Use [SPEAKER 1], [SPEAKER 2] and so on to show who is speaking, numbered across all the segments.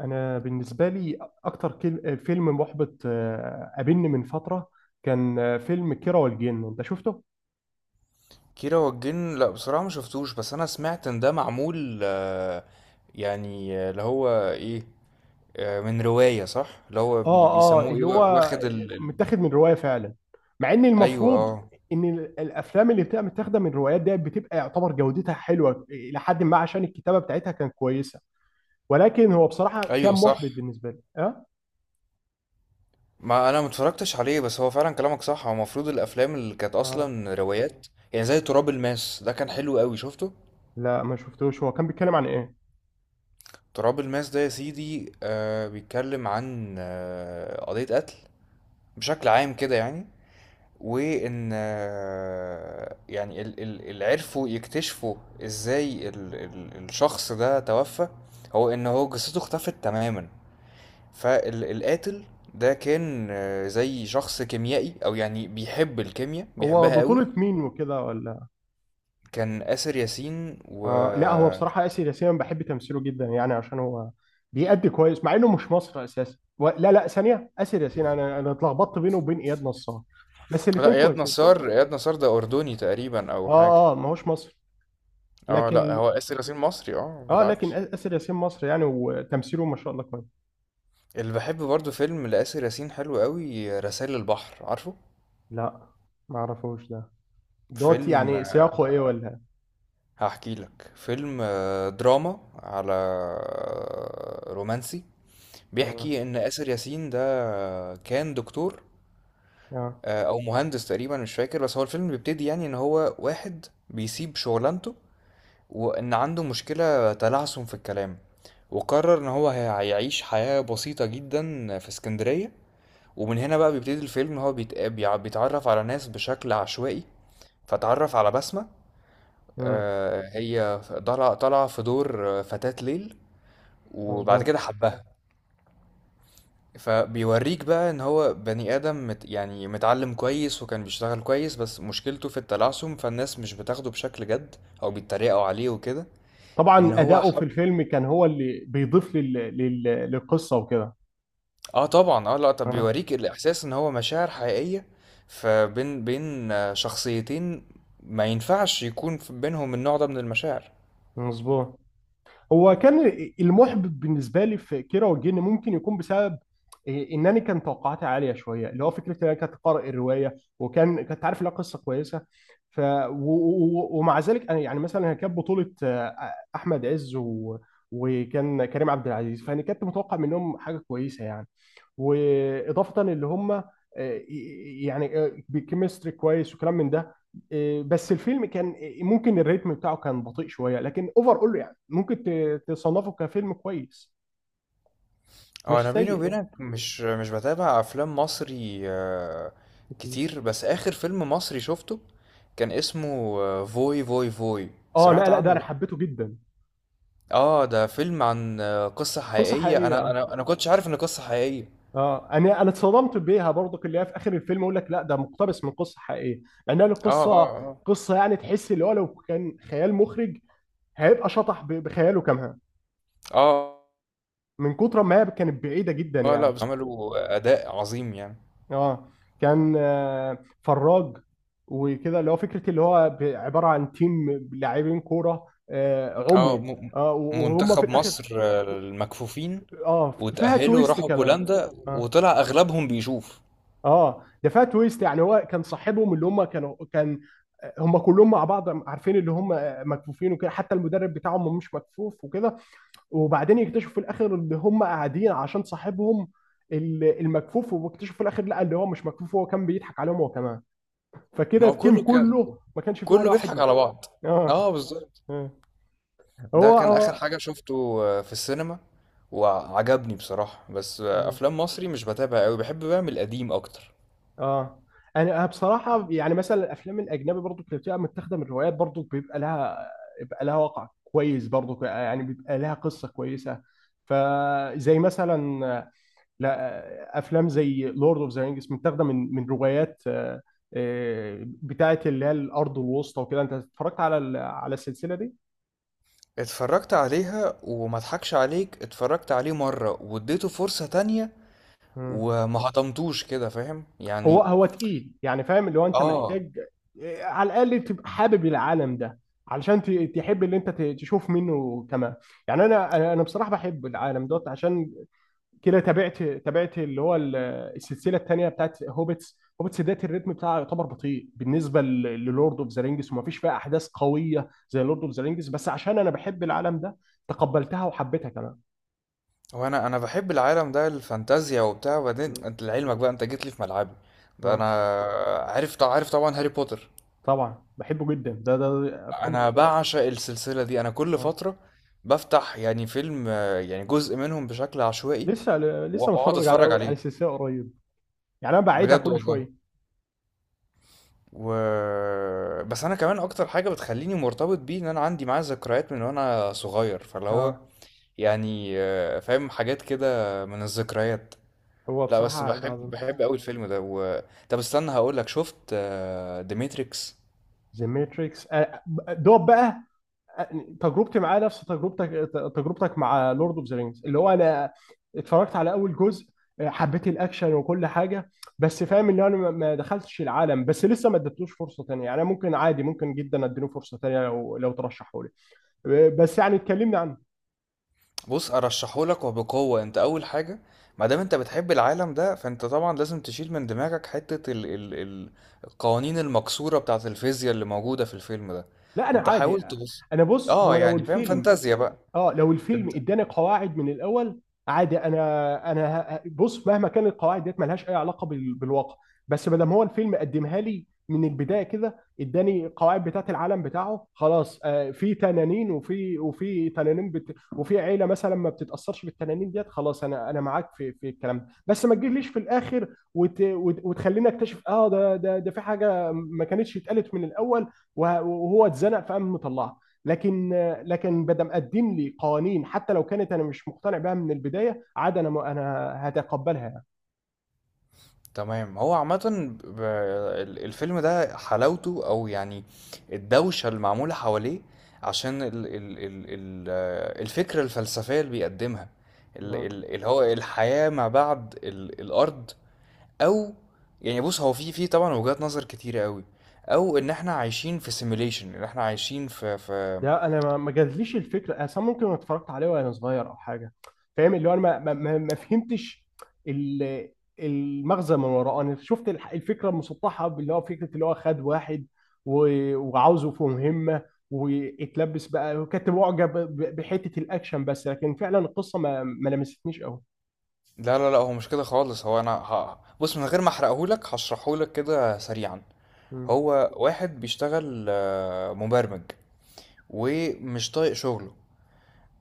[SPEAKER 1] انا بالنسبه لي اكتر فيلم محبط، قابلني من فتره. كان فيلم كيرة والجن. انت شفته؟
[SPEAKER 2] كيرة والجن، لا بصراحة ما شفتوش. بس انا سمعت ان ده معمول، اللي هو ايه، من رواية صح. اللي هو بي
[SPEAKER 1] اه، اه،
[SPEAKER 2] بيسموه ايه؟
[SPEAKER 1] اللي هو
[SPEAKER 2] واخد
[SPEAKER 1] متاخد من روايه فعلا، مع ان
[SPEAKER 2] ايوه
[SPEAKER 1] المفروض
[SPEAKER 2] اه.
[SPEAKER 1] ان الافلام اللي بتبقى متاخده من روايات دي بتبقى يعتبر جودتها حلوه الى حد ما عشان الكتابه بتاعتها كانت كويسه. ولكن هو بصراحه كان
[SPEAKER 2] ايوه صح،
[SPEAKER 1] محبط بالنسبه لي اه,
[SPEAKER 2] ما انا متفرجتش عليه، بس هو فعلا كلامك صح، هو المفروض الافلام اللي كانت
[SPEAKER 1] آه.
[SPEAKER 2] اصلا روايات، يعني زي تراب الماس، ده كان حلو قوي، شفته.
[SPEAKER 1] لا، ما شفتوش. هو كان بيتكلم عن ايه؟
[SPEAKER 2] تراب الماس ده يا سيدي بيتكلم عن قضية قتل بشكل عام كده يعني. وان اللي عرفوا يكتشفوا ازاي الشخص ده توفى، هو ان هو جثته اختفت تماما. فالقاتل ده كان، زي شخص كيميائي، او يعني بيحب الكيمياء،
[SPEAKER 1] هو
[SPEAKER 2] بيحبها قوي.
[SPEAKER 1] بطوله مين وكده ولا؟
[SPEAKER 2] كان آسر ياسين و...
[SPEAKER 1] آه، لا، هو بصراحة آسر ياسين بحب تمثيله جدا يعني عشان هو بيأدي كويس مع إنه مش مصري أساسا، لا، لا، ثانية، آسر ياسين. أنا اتلخبطت بينه وبين إياد نصار، بس
[SPEAKER 2] لا،
[SPEAKER 1] الاتنين
[SPEAKER 2] اياد
[SPEAKER 1] كويسين.
[SPEAKER 2] نصار، اياد نصار ده اردني تقريبا او
[SPEAKER 1] آه،
[SPEAKER 2] حاجه.
[SPEAKER 1] آه، ما هوش مصري
[SPEAKER 2] اه لا،
[SPEAKER 1] لكن.
[SPEAKER 2] هو آسر ياسين مصري، اه
[SPEAKER 1] آه، لكن
[SPEAKER 2] بالعكس.
[SPEAKER 1] آسر ياسين مصري يعني وتمثيله ما شاء الله كويس.
[SPEAKER 2] اللي بحب برضو فيلم لآسر ياسين حلو قوي، رسائل البحر، عارفه
[SPEAKER 1] لا، ما أعرفوش ده. دوت
[SPEAKER 2] فيلم؟
[SPEAKER 1] يعني سياقه إيه ولا إيه؟
[SPEAKER 2] هحكي لك. فيلم دراما، على رومانسي.
[SPEAKER 1] تمام.
[SPEAKER 2] بيحكي ان اسر ياسين ده كان دكتور
[SPEAKER 1] آه.
[SPEAKER 2] او مهندس، تقريبا مش فاكر. بس هو الفيلم بيبتدي يعني ان هو واحد بيسيب شغلانته، وان عنده مشكلة تلعثم في الكلام، وقرر ان هو هيعيش حياة بسيطة جدا في اسكندرية. ومن هنا بقى بيبتدي الفيلم، ان هو بيتعرف على ناس بشكل عشوائي، فتعرف على بسمة.
[SPEAKER 1] أمم،
[SPEAKER 2] هي طالعة في دور فتاة ليل، وبعد
[SPEAKER 1] مظبوط.
[SPEAKER 2] كده حبها. فبيوريك بقى ان هو بني ادم مت يعني متعلم كويس، وكان بيشتغل كويس، بس مشكلته في التلعثم، فالناس مش بتاخده بشكل جد، او بيتريقوا عليه وكده.
[SPEAKER 1] طبعا
[SPEAKER 2] ان هو
[SPEAKER 1] أداؤه في
[SPEAKER 2] حب.
[SPEAKER 1] الفيلم كان هو اللي بيضيف للقصة وكده.
[SPEAKER 2] اه طبعا، اه لا، طب
[SPEAKER 1] آه.
[SPEAKER 2] بيوريك الاحساس ان هو مشاعر حقيقية فبين شخصيتين ما ينفعش يكون بينهم النوع ده من المشاعر.
[SPEAKER 1] مظبوط. هو كان المحبط بالنسبه لي في كيرة والجن ممكن يكون بسبب ان انا كان توقعاتي عاليه شويه، اللي هو فكره ان انا كنت قارئ الروايه وكان كنت عارف لها قصه كويسه، ف و... ومع ذلك انا يعني مثلا هي كانت بطوله احمد عز وكان كريم عبد العزيز. فانا كنت متوقع منهم حاجه كويسه يعني، واضافه اللي هم يعني بكيمستري كويس وكلام من ده. بس الفيلم كان ممكن الريتم بتاعه كان بطيء شويه، لكن اوفر اول يعني ممكن تصنفه كفيلم كويس،
[SPEAKER 2] اه
[SPEAKER 1] مش
[SPEAKER 2] انا بيني
[SPEAKER 1] سيء
[SPEAKER 2] وبينك مش بتابع افلام مصري
[SPEAKER 1] يعني.
[SPEAKER 2] كتير، بس اخر فيلم مصري شفته كان اسمه فوي فوي فوي،
[SPEAKER 1] اه، لا،
[SPEAKER 2] سمعت
[SPEAKER 1] لا، ده
[SPEAKER 2] عنه
[SPEAKER 1] انا
[SPEAKER 2] ده؟
[SPEAKER 1] حبيته جدا.
[SPEAKER 2] اه، ده فيلم عن قصة
[SPEAKER 1] قصه
[SPEAKER 2] حقيقية،
[SPEAKER 1] حقيقيه،
[SPEAKER 2] انا
[SPEAKER 1] اه.
[SPEAKER 2] انا انا كنتش عارف ان قصة حقيقية.
[SPEAKER 1] انا اتصدمت بيها برضك، اللي هي في اخر الفيلم يقول لك لا ده مقتبس من قصه حقيقيه. يعني
[SPEAKER 2] اه
[SPEAKER 1] القصه
[SPEAKER 2] اه اه
[SPEAKER 1] قصه، يعني تحس اللي هو لو كان خيال مخرج هيبقى شطح بخياله كمان
[SPEAKER 2] اه.
[SPEAKER 1] من كتر ما هي كانت بعيده جدا
[SPEAKER 2] اه لا،
[SPEAKER 1] يعني.
[SPEAKER 2] بس عملوا اداء عظيم يعني.
[SPEAKER 1] اه، كان فراج وكده، اللي هو فكره اللي هو عباره عن تيم لاعبين كوره
[SPEAKER 2] اه
[SPEAKER 1] عمي.
[SPEAKER 2] م-
[SPEAKER 1] اه، وهم في
[SPEAKER 2] منتخب
[SPEAKER 1] الاخر.
[SPEAKER 2] مصر المكفوفين،
[SPEAKER 1] اه، فيها
[SPEAKER 2] وتأهلوا
[SPEAKER 1] تويست
[SPEAKER 2] راحوا
[SPEAKER 1] كمان.
[SPEAKER 2] بولندا،
[SPEAKER 1] اه،
[SPEAKER 2] وطلع اغلبهم بيشوف.
[SPEAKER 1] اه، ده فيها تويست، يعني هو كان صاحبهم اللي هم كانوا كان هم كلهم مع بعض عارفين اللي هم مكفوفين وكده، حتى المدرب بتاعهم مش مكفوف وكده. وبعدين يكتشفوا في الاخر ان هم قاعدين عشان صاحبهم المكفوف، واكتشفوا في الاخر لا اللي هو مش مكفوف، هو كان بيضحك عليهم هو كمان. فكده
[SPEAKER 2] ما هو
[SPEAKER 1] التيم
[SPEAKER 2] كله كان،
[SPEAKER 1] كله ما كانش فيه
[SPEAKER 2] كله
[SPEAKER 1] ولا واحد
[SPEAKER 2] بيضحك على
[SPEAKER 1] مكتوب.
[SPEAKER 2] بعض.
[SPEAKER 1] اه.
[SPEAKER 2] اه بالظبط.
[SPEAKER 1] آه.
[SPEAKER 2] ده
[SPEAKER 1] هو
[SPEAKER 2] كان اخر
[SPEAKER 1] هو،
[SPEAKER 2] حاجة شفته في السينما، وعجبني بصراحة. بس
[SPEAKER 1] اه.
[SPEAKER 2] افلام مصري مش بتابع قوي، بحب بقى من القديم اكتر.
[SPEAKER 1] آه. انا بصراحه يعني مثلا الافلام الاجنبي برضو اللي بتبقى متاخده من روايات برضو بيبقى لها وقع كويس برضو، يعني بيبقى لها قصه كويسه. فزي مثلا، لا، افلام زي لورد اوف ذا رينجز متاخده من روايات، بتاعه، اللي هي الارض الوسطى وكده. انت اتفرجت على على السلسله
[SPEAKER 2] اتفرجت عليها، وما اضحكش عليك، اتفرجت عليه مرة واديته فرصة تانية
[SPEAKER 1] دي؟
[SPEAKER 2] وما هضمتوش كده، فاهم
[SPEAKER 1] هو
[SPEAKER 2] يعني.
[SPEAKER 1] هو تقيل يعني، فاهم اللي هو انت
[SPEAKER 2] اه.
[SPEAKER 1] محتاج على الاقل تبقى حابب العالم ده علشان تحب اللي انت تشوف منه كمان يعني. انا بصراحه بحب العالم دوت، عشان كده تابعت اللي هو السلسله الثانيه بتاعت هوبتس ديت. الريتم بتاعه يعتبر بطيء بالنسبه للورد اوف ذا رينجز، وما فيش فيها احداث قويه زي لورد اوف ذا رينجز، بس عشان انا بحب العالم ده تقبلتها وحبيتها كمان.
[SPEAKER 2] هو انا بحب العالم ده، الفانتازيا وبتاع، وبعدين
[SPEAKER 1] مم.
[SPEAKER 2] انت لعلمك بقى، انت جيت لي في ملعبي. ده انا
[SPEAKER 1] مم.
[SPEAKER 2] عارف طبعا، هاري بوتر،
[SPEAKER 1] طبعا بحبه جدا، افلام
[SPEAKER 2] انا
[SPEAKER 1] الطفوله.
[SPEAKER 2] بعشق السلسله دي. انا كل
[SPEAKER 1] آه.
[SPEAKER 2] فتره بفتح يعني فيلم، يعني جزء منهم بشكل عشوائي،
[SPEAKER 1] لسه لسه
[SPEAKER 2] واقعد
[SPEAKER 1] متفرج على
[SPEAKER 2] اتفرج
[SPEAKER 1] على
[SPEAKER 2] عليه.
[SPEAKER 1] سلسله قريب، يعني انا بعيدها
[SPEAKER 2] بجد
[SPEAKER 1] كل
[SPEAKER 2] والله.
[SPEAKER 1] شويه،
[SPEAKER 2] و... بس انا كمان اكتر حاجه بتخليني مرتبط بيه ان انا عندي معاه ذكريات من وانا صغير، فاللي هو
[SPEAKER 1] اه.
[SPEAKER 2] يعني فاهم، حاجات كده من الذكريات.
[SPEAKER 1] هو
[SPEAKER 2] لا بس
[SPEAKER 1] بصراحه حاجة
[SPEAKER 2] بحب
[SPEAKER 1] عظيمه.
[SPEAKER 2] بحب قوي الفيلم ده. و... طب استنى هقول لك، شفت ذا ماتريكس؟
[SPEAKER 1] ذا ماتريكس، دوب بقى، تجربتي معاه نفس تجربتك مع لورد اوف ذا رينجز، اللي هو انا اتفرجت على اول جزء. حبيت الاكشن وكل حاجه، بس فاهم ان انا ما دخلتش العالم، بس لسه ما اديتلوش فرصه تانية. يعني أنا ممكن عادي، ممكن جدا اديله فرصه تانية لو ترشحوا لي، بس يعني اتكلمنا عنه.
[SPEAKER 2] بص ارشحهولك وبقوة. انت اول حاجة ما دام انت بتحب العالم ده، فانت طبعا لازم تشيل من دماغك حتة ال القوانين المكسورة بتاعة الفيزياء اللي موجودة في الفيلم ده.
[SPEAKER 1] لا، انا
[SPEAKER 2] انت
[SPEAKER 1] عادي.
[SPEAKER 2] حاول تبص.
[SPEAKER 1] انا، بص،
[SPEAKER 2] اه
[SPEAKER 1] هو لو
[SPEAKER 2] يعني فاهم،
[SPEAKER 1] الفيلم
[SPEAKER 2] فانتازيا بقى.
[SPEAKER 1] اه لو الفيلم
[SPEAKER 2] انت
[SPEAKER 1] اداني قواعد من الاول، عادي. انا انا بص، مهما كانت القواعد ديت ملهاش اي علاقه بالواقع. بس ما دام هو الفيلم قدمها لي من البدايه كده اداني القواعد بتاعت العالم بتاعه، خلاص، في تنانين وفي تنانين بت وفي عيله مثلا ما بتتاثرش بالتنانين ديت، خلاص انا معاك في الكلام ده. بس ما تجيليش في الاخر وتخليني اكتشف اه ده في حاجه ما كانتش اتقالت من الاول، وهو اتزنق فقام مطلعها. لكن لكن بدم قدم لي قوانين حتى لو كانت انا مش مقتنع بها من البدايه، عاد انا انا هتقبلها يعني.
[SPEAKER 2] تمام. هو عامة الفيلم ده حلاوته، او يعني الدوشة المعمولة حواليه، عشان ال الفكرة الفلسفية اللي بيقدمها،
[SPEAKER 1] آه.
[SPEAKER 2] اللي هو الحياة ما بعد الأرض، او يعني. بص هو في طبعا وجهات نظر كتيرة قوي، او ان احنا عايشين في سيميليشن، ان احنا عايشين في
[SPEAKER 1] ده انا ما جاتليش الفكره اصلا، ممكن اتفرجت عليه وانا صغير او حاجه. فاهم اللي هو انا ما فهمتش ال- المغزى من وراه. انا شفت الفكره المسطحه، اللي هو فكره اللي هو خد واحد وعاوزه في مهمه واتلبس بقى، وكنت معجب بحته الاكشن بس، لكن فعلا القصه ما لمستنيش قوي.
[SPEAKER 2] لا لا لا، هو مش كده خالص. هو انا بص، من غير ما احرقهولك هشرحهولك كده سريعا.
[SPEAKER 1] مم.
[SPEAKER 2] هو واحد بيشتغل مبرمج، ومش طايق شغله.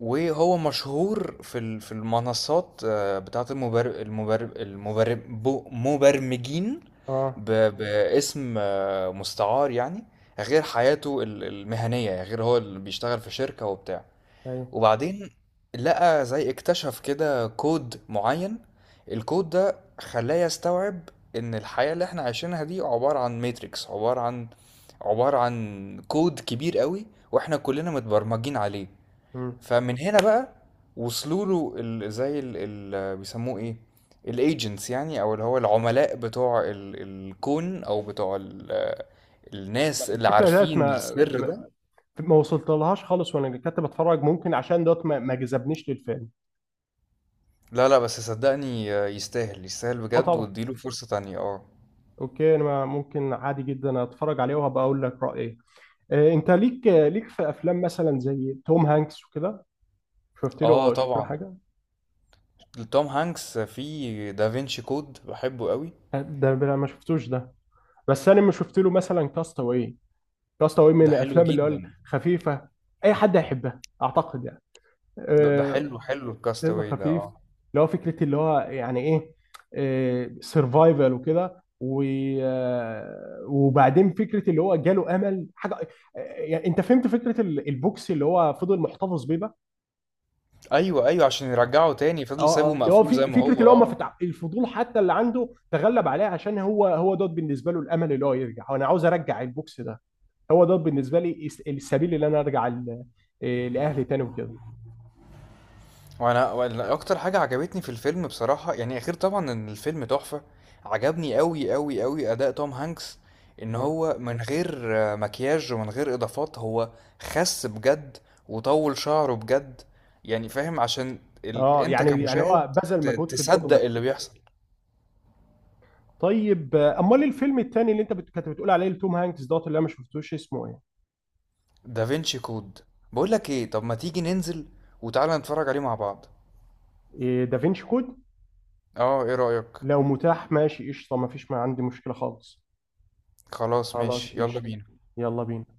[SPEAKER 2] وهو مشهور في المنصات بتاعت مبرمجين،
[SPEAKER 1] اه،
[SPEAKER 2] باسم مستعار يعني، غير حياته المهنية، يعني غير هو اللي بيشتغل في شركة وبتاع.
[SPEAKER 1] ايوه.
[SPEAKER 2] وبعدين لقى، زي اكتشف كده، كود معين، الكود ده خلاه يستوعب ان الحياة اللي احنا عايشينها دي عبارة عن ماتريكس، عبارة عن كود كبير قوي، واحنا كلنا متبرمجين عليه.
[SPEAKER 1] مم.
[SPEAKER 2] فمن هنا بقى وصلوا له زي ال بيسموه ايه، الايجنتس يعني، او اللي هو العملاء بتوع ال الكون، او بتوع ال الناس اللي
[SPEAKER 1] الفكره ديت
[SPEAKER 2] عارفين
[SPEAKER 1] ما
[SPEAKER 2] السر
[SPEAKER 1] ما,
[SPEAKER 2] ده.
[SPEAKER 1] ما وصلت لهاش خالص وانا كنت بتفرج، ممكن عشان دوت ما ما, جذبنيش للفيلم.
[SPEAKER 2] لا لا، بس صدقني يستاهل، يستاهل
[SPEAKER 1] اه،
[SPEAKER 2] بجد،
[SPEAKER 1] طبعا.
[SPEAKER 2] واديله فرصة تانية اه.
[SPEAKER 1] اوكي، انا ممكن عادي جدا اتفرج عليه وهبقى اقول لك رايي. انت ليك في افلام مثلا زي توم هانكس وكده؟ شفت
[SPEAKER 2] اه
[SPEAKER 1] له شفت له
[SPEAKER 2] طبعا،
[SPEAKER 1] حاجه؟
[SPEAKER 2] توم هانكس في دافينشي كود بحبه قوي.
[SPEAKER 1] ده أنا ما شفتوش ده. بس انا ما شفت له مثلا كاستاوي. كاستاوي
[SPEAKER 2] ده
[SPEAKER 1] من
[SPEAKER 2] حلو
[SPEAKER 1] الافلام اللي هو
[SPEAKER 2] جدا.
[SPEAKER 1] الخفيفه، اي حد هيحبها اعتقد يعني.
[SPEAKER 2] ده
[SPEAKER 1] آه،
[SPEAKER 2] حلو، حلو
[SPEAKER 1] فيلم
[SPEAKER 2] الكاستاوي ده
[SPEAKER 1] خفيف،
[SPEAKER 2] اه.
[SPEAKER 1] اللي هو فكرة اللي هو يعني ايه سرفايفل وكده، وبعدين فكرة اللي هو جاله امل حاجة. يعني انت فهمت فكرة البوكس اللي هو فضل محتفظ بيه بقى،
[SPEAKER 2] ايوه ايوه، عشان يرجعه تاني
[SPEAKER 1] اه.
[SPEAKER 2] فضل سايبه
[SPEAKER 1] اللي هو
[SPEAKER 2] مقفول زي
[SPEAKER 1] في
[SPEAKER 2] ما
[SPEAKER 1] فكرة
[SPEAKER 2] هو
[SPEAKER 1] اللي هو ما
[SPEAKER 2] اه.
[SPEAKER 1] فتح الفضول حتى اللي عنده تغلب عليه عشان هو هو دوت بالنسبة له الامل، اللي هو يرجع، وانا عاوز ارجع البوكس ده. هو دوت بالنسبة لي السبيل اللي انا ارجع لاهلي تاني وكده،
[SPEAKER 2] وأنا اكتر حاجه عجبتني في الفيلم بصراحه، يعني غير طبعا ان الفيلم تحفه، عجبني قوي اداء توم هانكس، ان
[SPEAKER 1] اه.
[SPEAKER 2] هو من غير مكياج ومن غير اضافات، هو خس بجد، وطول شعره بجد، يعني فاهم، عشان انت
[SPEAKER 1] يعني هو
[SPEAKER 2] كمشاهد
[SPEAKER 1] بذل مجهود في
[SPEAKER 2] تصدق
[SPEAKER 1] الدور.
[SPEAKER 2] اللي بيحصل.
[SPEAKER 1] طيب، امال إيه الفيلم التاني اللي انت كنت بتقول عليه لتوم هانكس دوت، اللي انا ما شفتوش اسمه ايه؟
[SPEAKER 2] دافينشي كود، بقول لك ايه، طب ما تيجي ننزل وتعالى نتفرج عليه مع بعض؟
[SPEAKER 1] إيه دافينشي كود؟
[SPEAKER 2] اه، ايه رأيك؟
[SPEAKER 1] لو متاح، ماشي قشطه، ما عندي مشكله خالص.
[SPEAKER 2] خلاص
[SPEAKER 1] خلاص
[SPEAKER 2] ماشي، يلا
[SPEAKER 1] قشطه.
[SPEAKER 2] بينا.
[SPEAKER 1] يلا بينا.